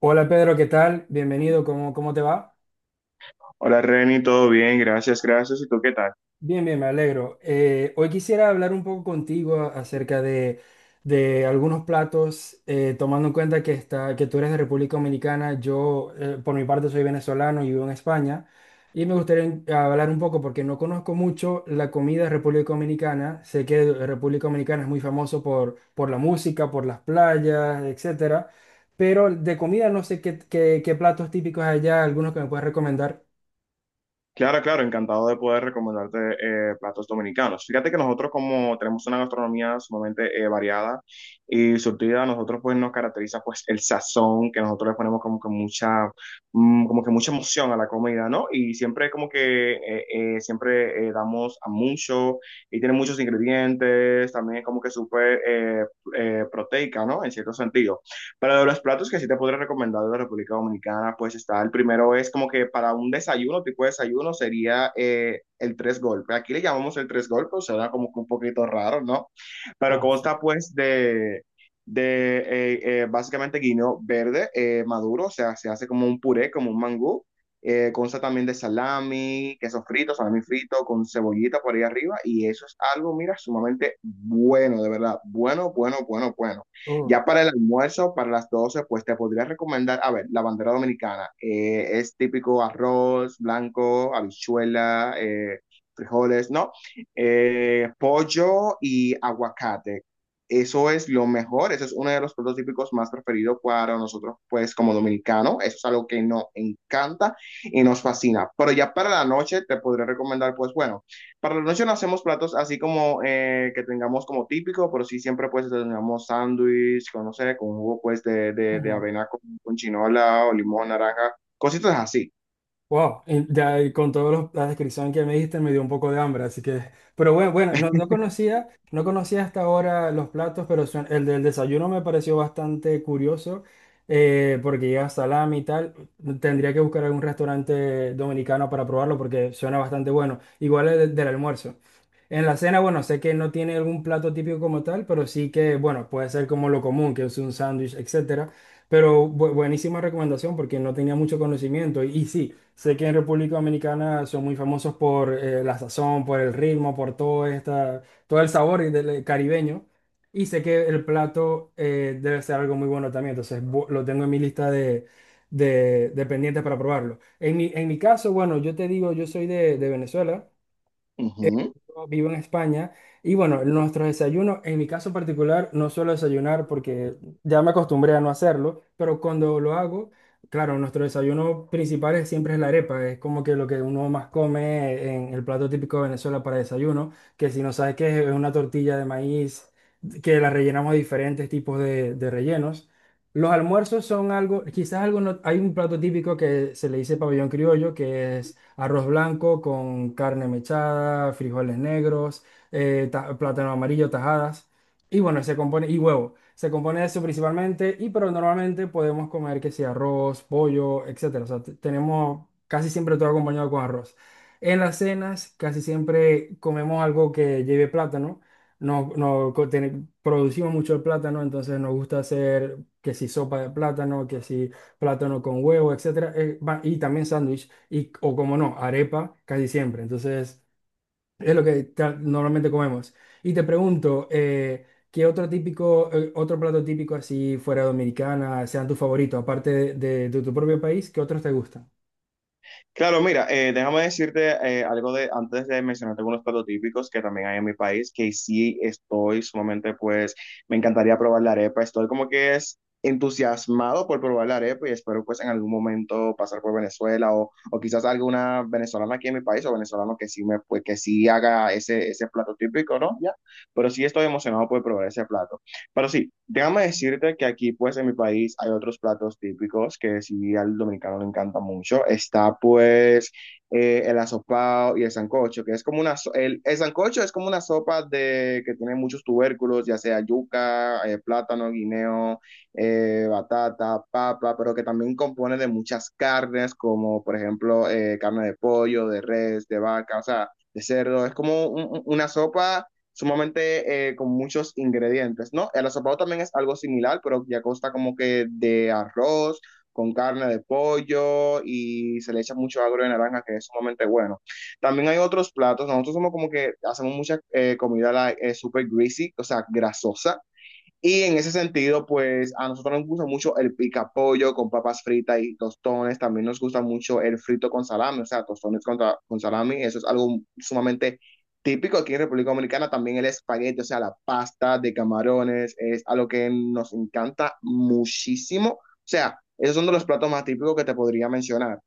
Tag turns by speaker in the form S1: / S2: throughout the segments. S1: Hola, Pedro, ¿qué tal? Bienvenido, ¿cómo te va?
S2: Hola Reni, todo bien, gracias, gracias. ¿Y tú qué tal?
S1: Bien, bien, me alegro. Hoy quisiera hablar un poco contigo acerca de algunos platos, tomando en cuenta que tú eres de República Dominicana. Yo, por mi parte, soy venezolano y vivo en España, y me gustaría hablar un poco porque no conozco mucho la comida de República Dominicana. Sé que República Dominicana es muy famoso por la música, por las playas, etcétera, pero de comida no sé qué platos típicos hay allá, algunos que me puedes recomendar.
S2: Claro, claro, encantado de poder recomendarte platos dominicanos. Fíjate que nosotros como tenemos una gastronomía sumamente variada y surtida. Nosotros pues nos caracteriza pues el sazón que nosotros le ponemos como que mucha emoción a la comida, ¿no? Y siempre como que siempre damos a mucho y tiene muchos ingredientes. También es como que súper proteica, ¿no? En cierto sentido. Para los platos que sí te podré recomendar de la República Dominicana, pues está, el primero, es como que para un desayuno, tipo de desayuno, sería el tres golpes. Aquí le llamamos el tres golpes, suena como que un poquito raro, ¿no? Pero
S1: Ah, sí.
S2: consta pues de básicamente guineo verde maduro, o sea, se hace como un puré, como un mangú. Consta también de salami, queso frito, salami frito con cebollita por ahí arriba, y eso es algo, mira, sumamente bueno, de verdad, bueno, bueno, bueno, bueno.
S1: Oh,
S2: Ya para el almuerzo, para las 12, pues te podría recomendar, a ver, la bandera dominicana. Es típico arroz blanco, habichuela, frijoles, ¿no? Pollo y aguacate. Eso es lo mejor, eso es uno de los platos típicos más preferidos para nosotros, pues como dominicanos. Eso es algo que nos encanta y nos fascina. Pero ya para la noche te podría recomendar, pues bueno. Para la noche no hacemos platos así como que tengamos como típico, pero sí siempre pues tengamos sándwich, con, no sé, con jugo pues de
S1: ujú.
S2: avena con chinola o limón, naranja, cositas así.
S1: Wow, y ya y con toda la descripción que me diste me dio un poco de hambre, así que, pero bueno, no conocía, no conocía hasta ahora los platos, pero el del desayuno me pareció bastante curioso, porque lleva salami y tal. Tendría que buscar algún restaurante dominicano para probarlo porque suena bastante bueno, igual el del almuerzo. En la cena, bueno, sé que no tiene algún plato típico como tal, pero sí que, bueno, puede ser como lo común, que es un sándwich, etcétera. Pero buenísima recomendación porque no tenía mucho conocimiento. Y sí, sé que en República Dominicana son muy famosos por la sazón, por el ritmo, por todo, esta, todo el sabor y del caribeño. Y sé que el plato debe ser algo muy bueno también. Entonces lo tengo en mi lista de pendientes para probarlo. En mi caso, bueno, yo te digo, yo soy de Venezuela. Eh, yo vivo en España y bueno, nuestros desayunos, en mi caso particular, no suelo desayunar porque ya me acostumbré a no hacerlo, pero cuando lo hago, claro, nuestro desayuno principal siempre es la arepa, es como que lo que uno más come en el plato típico de Venezuela para desayuno. Que si no sabes qué es una tortilla de maíz que la rellenamos de diferentes tipos de rellenos. Los almuerzos son algo, quizás algo, hay un plato típico que se le dice pabellón criollo, que es arroz blanco con carne mechada, frijoles negros, plátano amarillo, tajadas. Y bueno, se compone, y huevo. Se compone de eso principalmente, y pero normalmente podemos comer que sea arroz, pollo, etcétera. O sea, tenemos casi siempre todo acompañado con arroz. En las cenas casi siempre comemos algo que lleve plátano. No, producimos mucho el plátano, entonces nos gusta hacer que si sopa de plátano, que si plátano con huevo, etcétera, y también sándwich, y, o como no, arepa casi siempre. Entonces, es lo que normalmente comemos. Y te pregunto, ¿qué otro típico, otro plato típico así fuera dominicana sean tu favorito, aparte de tu propio país, qué otros te gustan?
S2: Claro, mira, déjame decirte algo de antes de mencionarte algunos platos típicos que también hay en mi país, que sí estoy sumamente, pues, me encantaría probar la arepa. Estoy como que es entusiasmado por probar la arepa y espero, pues, en algún momento pasar por Venezuela o quizás alguna venezolana aquí en mi país o venezolano que sí me, pues, que sí haga ese plato típico, ¿no? Ya. Pero sí estoy emocionado por probar ese plato. Pero sí, déjame decirte que aquí, pues, en mi país hay otros platos típicos que sí al dominicano le encanta mucho. Está, pues, el asopao y el sancocho, que es como una... El sancocho es como una sopa de, que tiene muchos tubérculos, ya sea yuca, plátano, guineo, batata, papa, pero que también compone de muchas carnes, como, por ejemplo, carne de pollo, de res, de vaca, o sea, de cerdo. Es como una sopa sumamente con muchos ingredientes, ¿no? El asopado también es algo similar, pero ya consta como que de arroz, con carne de pollo, y se le echa mucho agro de naranja, que es sumamente bueno. También hay otros platos. Nosotros somos como que hacemos mucha comida super greasy, o sea, grasosa, y en ese sentido, pues a nosotros nos gusta mucho el pica con papas fritas y tostones. También nos gusta mucho el frito con salami, o sea, tostones con, con salami. Eso es algo sumamente típico aquí en República Dominicana. También el espagueti, o sea, la pasta de camarones, es algo que nos encanta muchísimo. O sea, esos son de los platos más típicos que te podría mencionar.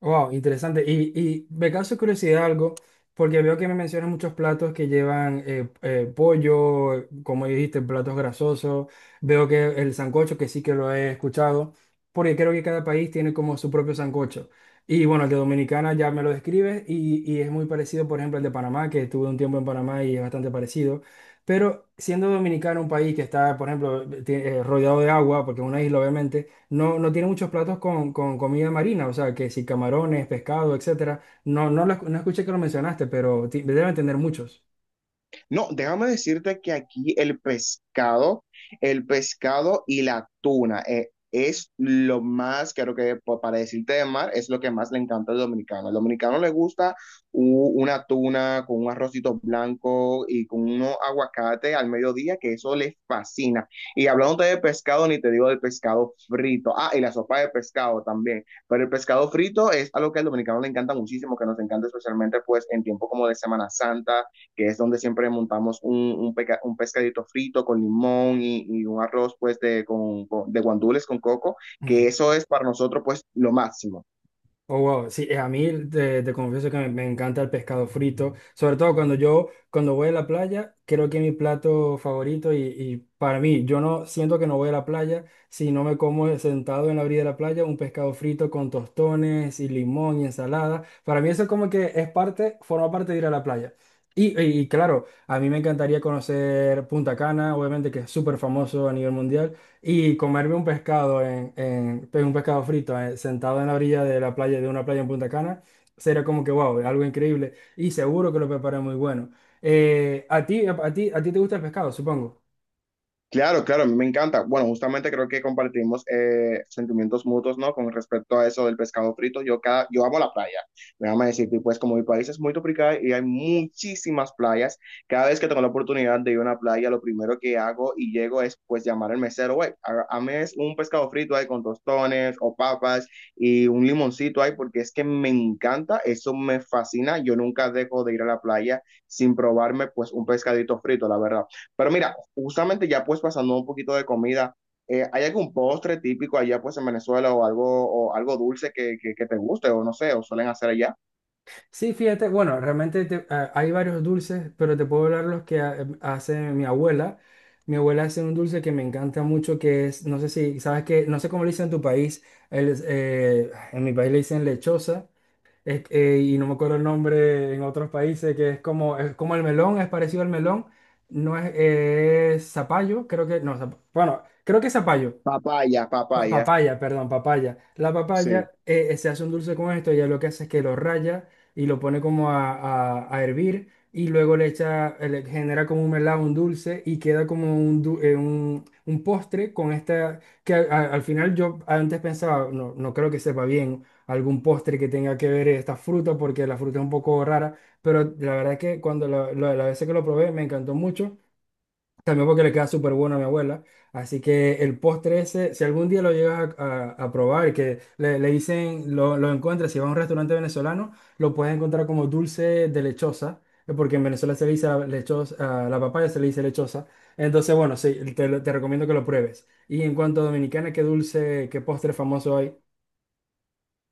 S1: Wow, interesante. Y me causa curiosidad algo, porque veo que me mencionas muchos platos que llevan pollo, como dijiste, platos grasosos. Veo que el sancocho, que sí que lo he escuchado, porque creo que cada país tiene como su propio sancocho. Y bueno, el de Dominicana ya me lo describes y es muy parecido, por ejemplo, el de Panamá, que estuve un tiempo en Panamá y es bastante parecido. Pero siendo Dominicana un país que está, por ejemplo, rodeado de agua, porque es una isla, obviamente no, no tiene muchos platos con comida marina, o sea, que si camarones, pescado, etcétera. No, no, no escuché que lo mencionaste, pero deben tener muchos.
S2: No, déjame decirte que aquí el pescado y la tuna es lo más, creo que para decirte de mar, es lo que más le encanta al dominicano. Al dominicano le gusta una tuna con un arrocito blanco y con unos aguacate al mediodía, que eso les fascina. Y hablando de pescado, ni te digo del pescado frito. Ah, y la sopa de pescado también. Pero el pescado frito es algo que al dominicano le encanta muchísimo, que nos encanta especialmente pues en tiempo como de Semana Santa, que es donde siempre montamos un pescadito frito con limón, y un arroz pues con, de guandules con coco, que eso es para nosotros pues lo máximo.
S1: Oh, wow. Sí, a mí te, te confieso que me encanta el pescado frito, sobre todo cuando yo, cuando voy a la playa, creo que es mi plato favorito y para mí, yo no siento que no voy a la playa si no me como sentado en la orilla de la playa un pescado frito con tostones y limón y ensalada. Para mí eso como que es parte, forma parte de ir a la playa. Y claro, a mí me encantaría conocer Punta Cana, obviamente que es súper famoso a nivel mundial. Y comerme un pescado pues, un pescado frito sentado en la orilla de la playa, de una playa en Punta Cana, sería como que wow, algo increíble. Y seguro que lo preparé muy bueno. A ti te gusta el pescado, supongo.
S2: Claro, claro, a mí me encanta. Bueno, justamente creo que compartimos sentimientos mutuos, ¿no? Con respecto a eso del pescado frito. Yo amo la playa. Déjame decirte, y pues como mi país es muy tropical y hay muchísimas playas, cada vez que tengo la oportunidad de ir a una playa, lo primero que hago y llego es pues llamar al mesero, güey, es un pescado frito ahí con tostones o papas y un limoncito ahí, porque es que me encanta, eso me fascina. Yo nunca dejo de ir a la playa sin probarme pues un pescadito frito, la verdad. Pero mira. Justamente ya pues pasando un poquito de comida, ¿hay algún postre típico allá pues en Venezuela, o algo dulce que te guste, o no sé, o suelen hacer allá?
S1: Sí, fíjate, bueno, realmente ah, hay varios dulces, pero te puedo hablar los que hace mi abuela. Mi abuela hace un dulce que me encanta mucho, que es, no sé si, sabes que, no sé cómo le dicen en tu país, en mi país le dicen lechosa. Es y no me acuerdo el nombre en otros países, que es como el melón, es parecido al melón, no es, es zapallo, creo que, no, bueno, creo que es zapallo,
S2: Papaya, papaya,
S1: Papaya, perdón, papaya. La
S2: sí.
S1: papaya se hace un dulce con esto, ella lo que hace es que lo raya y lo pone como a, a hervir y luego le echa, le genera como un melado, un dulce y queda como un un postre con esta, que al final yo antes pensaba, no, no creo que sepa bien algún postre que tenga que ver esta fruta porque la fruta es un poco rara, pero la verdad es que cuando la vez que lo probé me encantó mucho. También porque le queda súper bueno a mi abuela. Así que el postre ese, si algún día lo llegas a, a probar, que le dicen, lo encuentras, si vas a un restaurante venezolano, lo puedes encontrar como dulce de lechosa, porque en Venezuela se le dice a la lechosa, a la papaya se le dice lechosa. Entonces, bueno, sí, te, te recomiendo que lo pruebes. Y en cuanto a Dominicana, ¿qué dulce, qué postre famoso hay?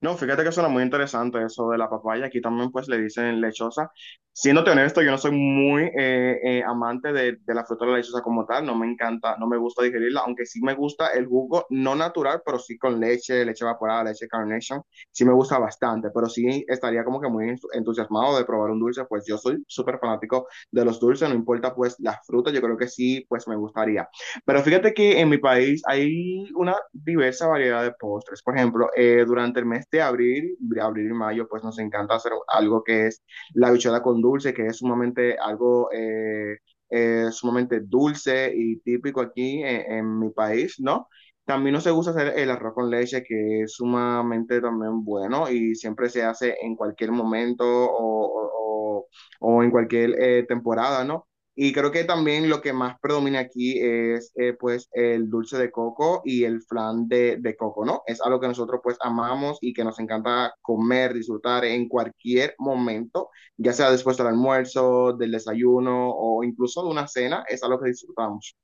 S2: No, fíjate que suena muy interesante eso de la papaya. Aquí también pues le dicen lechosa. Siéndote honesto, yo no soy muy amante de la fruta de la lechosa como tal. No me encanta, no me gusta digerirla, aunque sí me gusta el jugo, no natural, pero sí con leche, leche evaporada, leche Carnation. Sí me gusta bastante, pero sí estaría como que muy entusiasmado de probar un dulce. Pues yo soy súper fanático de los dulces, no importa pues la fruta, yo creo que sí pues me gustaría. Pero fíjate que en mi país hay una diversa variedad de postres. Por ejemplo, durante el mes de abril y mayo, pues nos encanta hacer algo que es la bichada con dulce, que es sumamente algo sumamente dulce y típico aquí en mi país, ¿no? También nos gusta hacer el arroz con leche, que es sumamente también bueno, y siempre se hace en cualquier momento o en cualquier temporada, ¿no? Y creo que también lo que más predomina aquí es pues el dulce de coco y el flan de coco, ¿no? Es algo que nosotros pues amamos y que nos encanta comer, disfrutar en cualquier momento, ya sea después del almuerzo, del desayuno, o incluso de una cena, es algo que disfrutamos.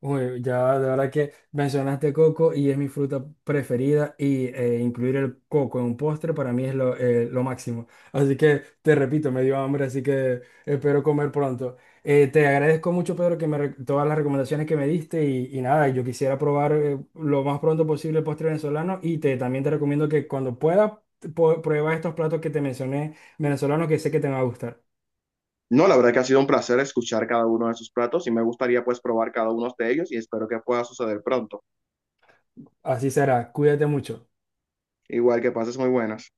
S1: Uy, ya de verdad que mencionaste coco y es mi fruta preferida y incluir el coco en un postre para mí es lo máximo. Así que te repito, me dio hambre, así que espero comer pronto. Te agradezco mucho, Pedro, que me, todas las recomendaciones que me diste y nada, yo quisiera probar lo más pronto posible el postre venezolano y te, también te recomiendo que cuando puedas prueba estos platos que te mencioné venezolanos que sé que te van a gustar.
S2: No, la verdad que ha sido un placer escuchar cada uno de sus platos, y me gustaría pues probar cada uno de ellos, y espero que pueda suceder pronto.
S1: Así será, cuídate mucho.
S2: Igual que pases muy buenas.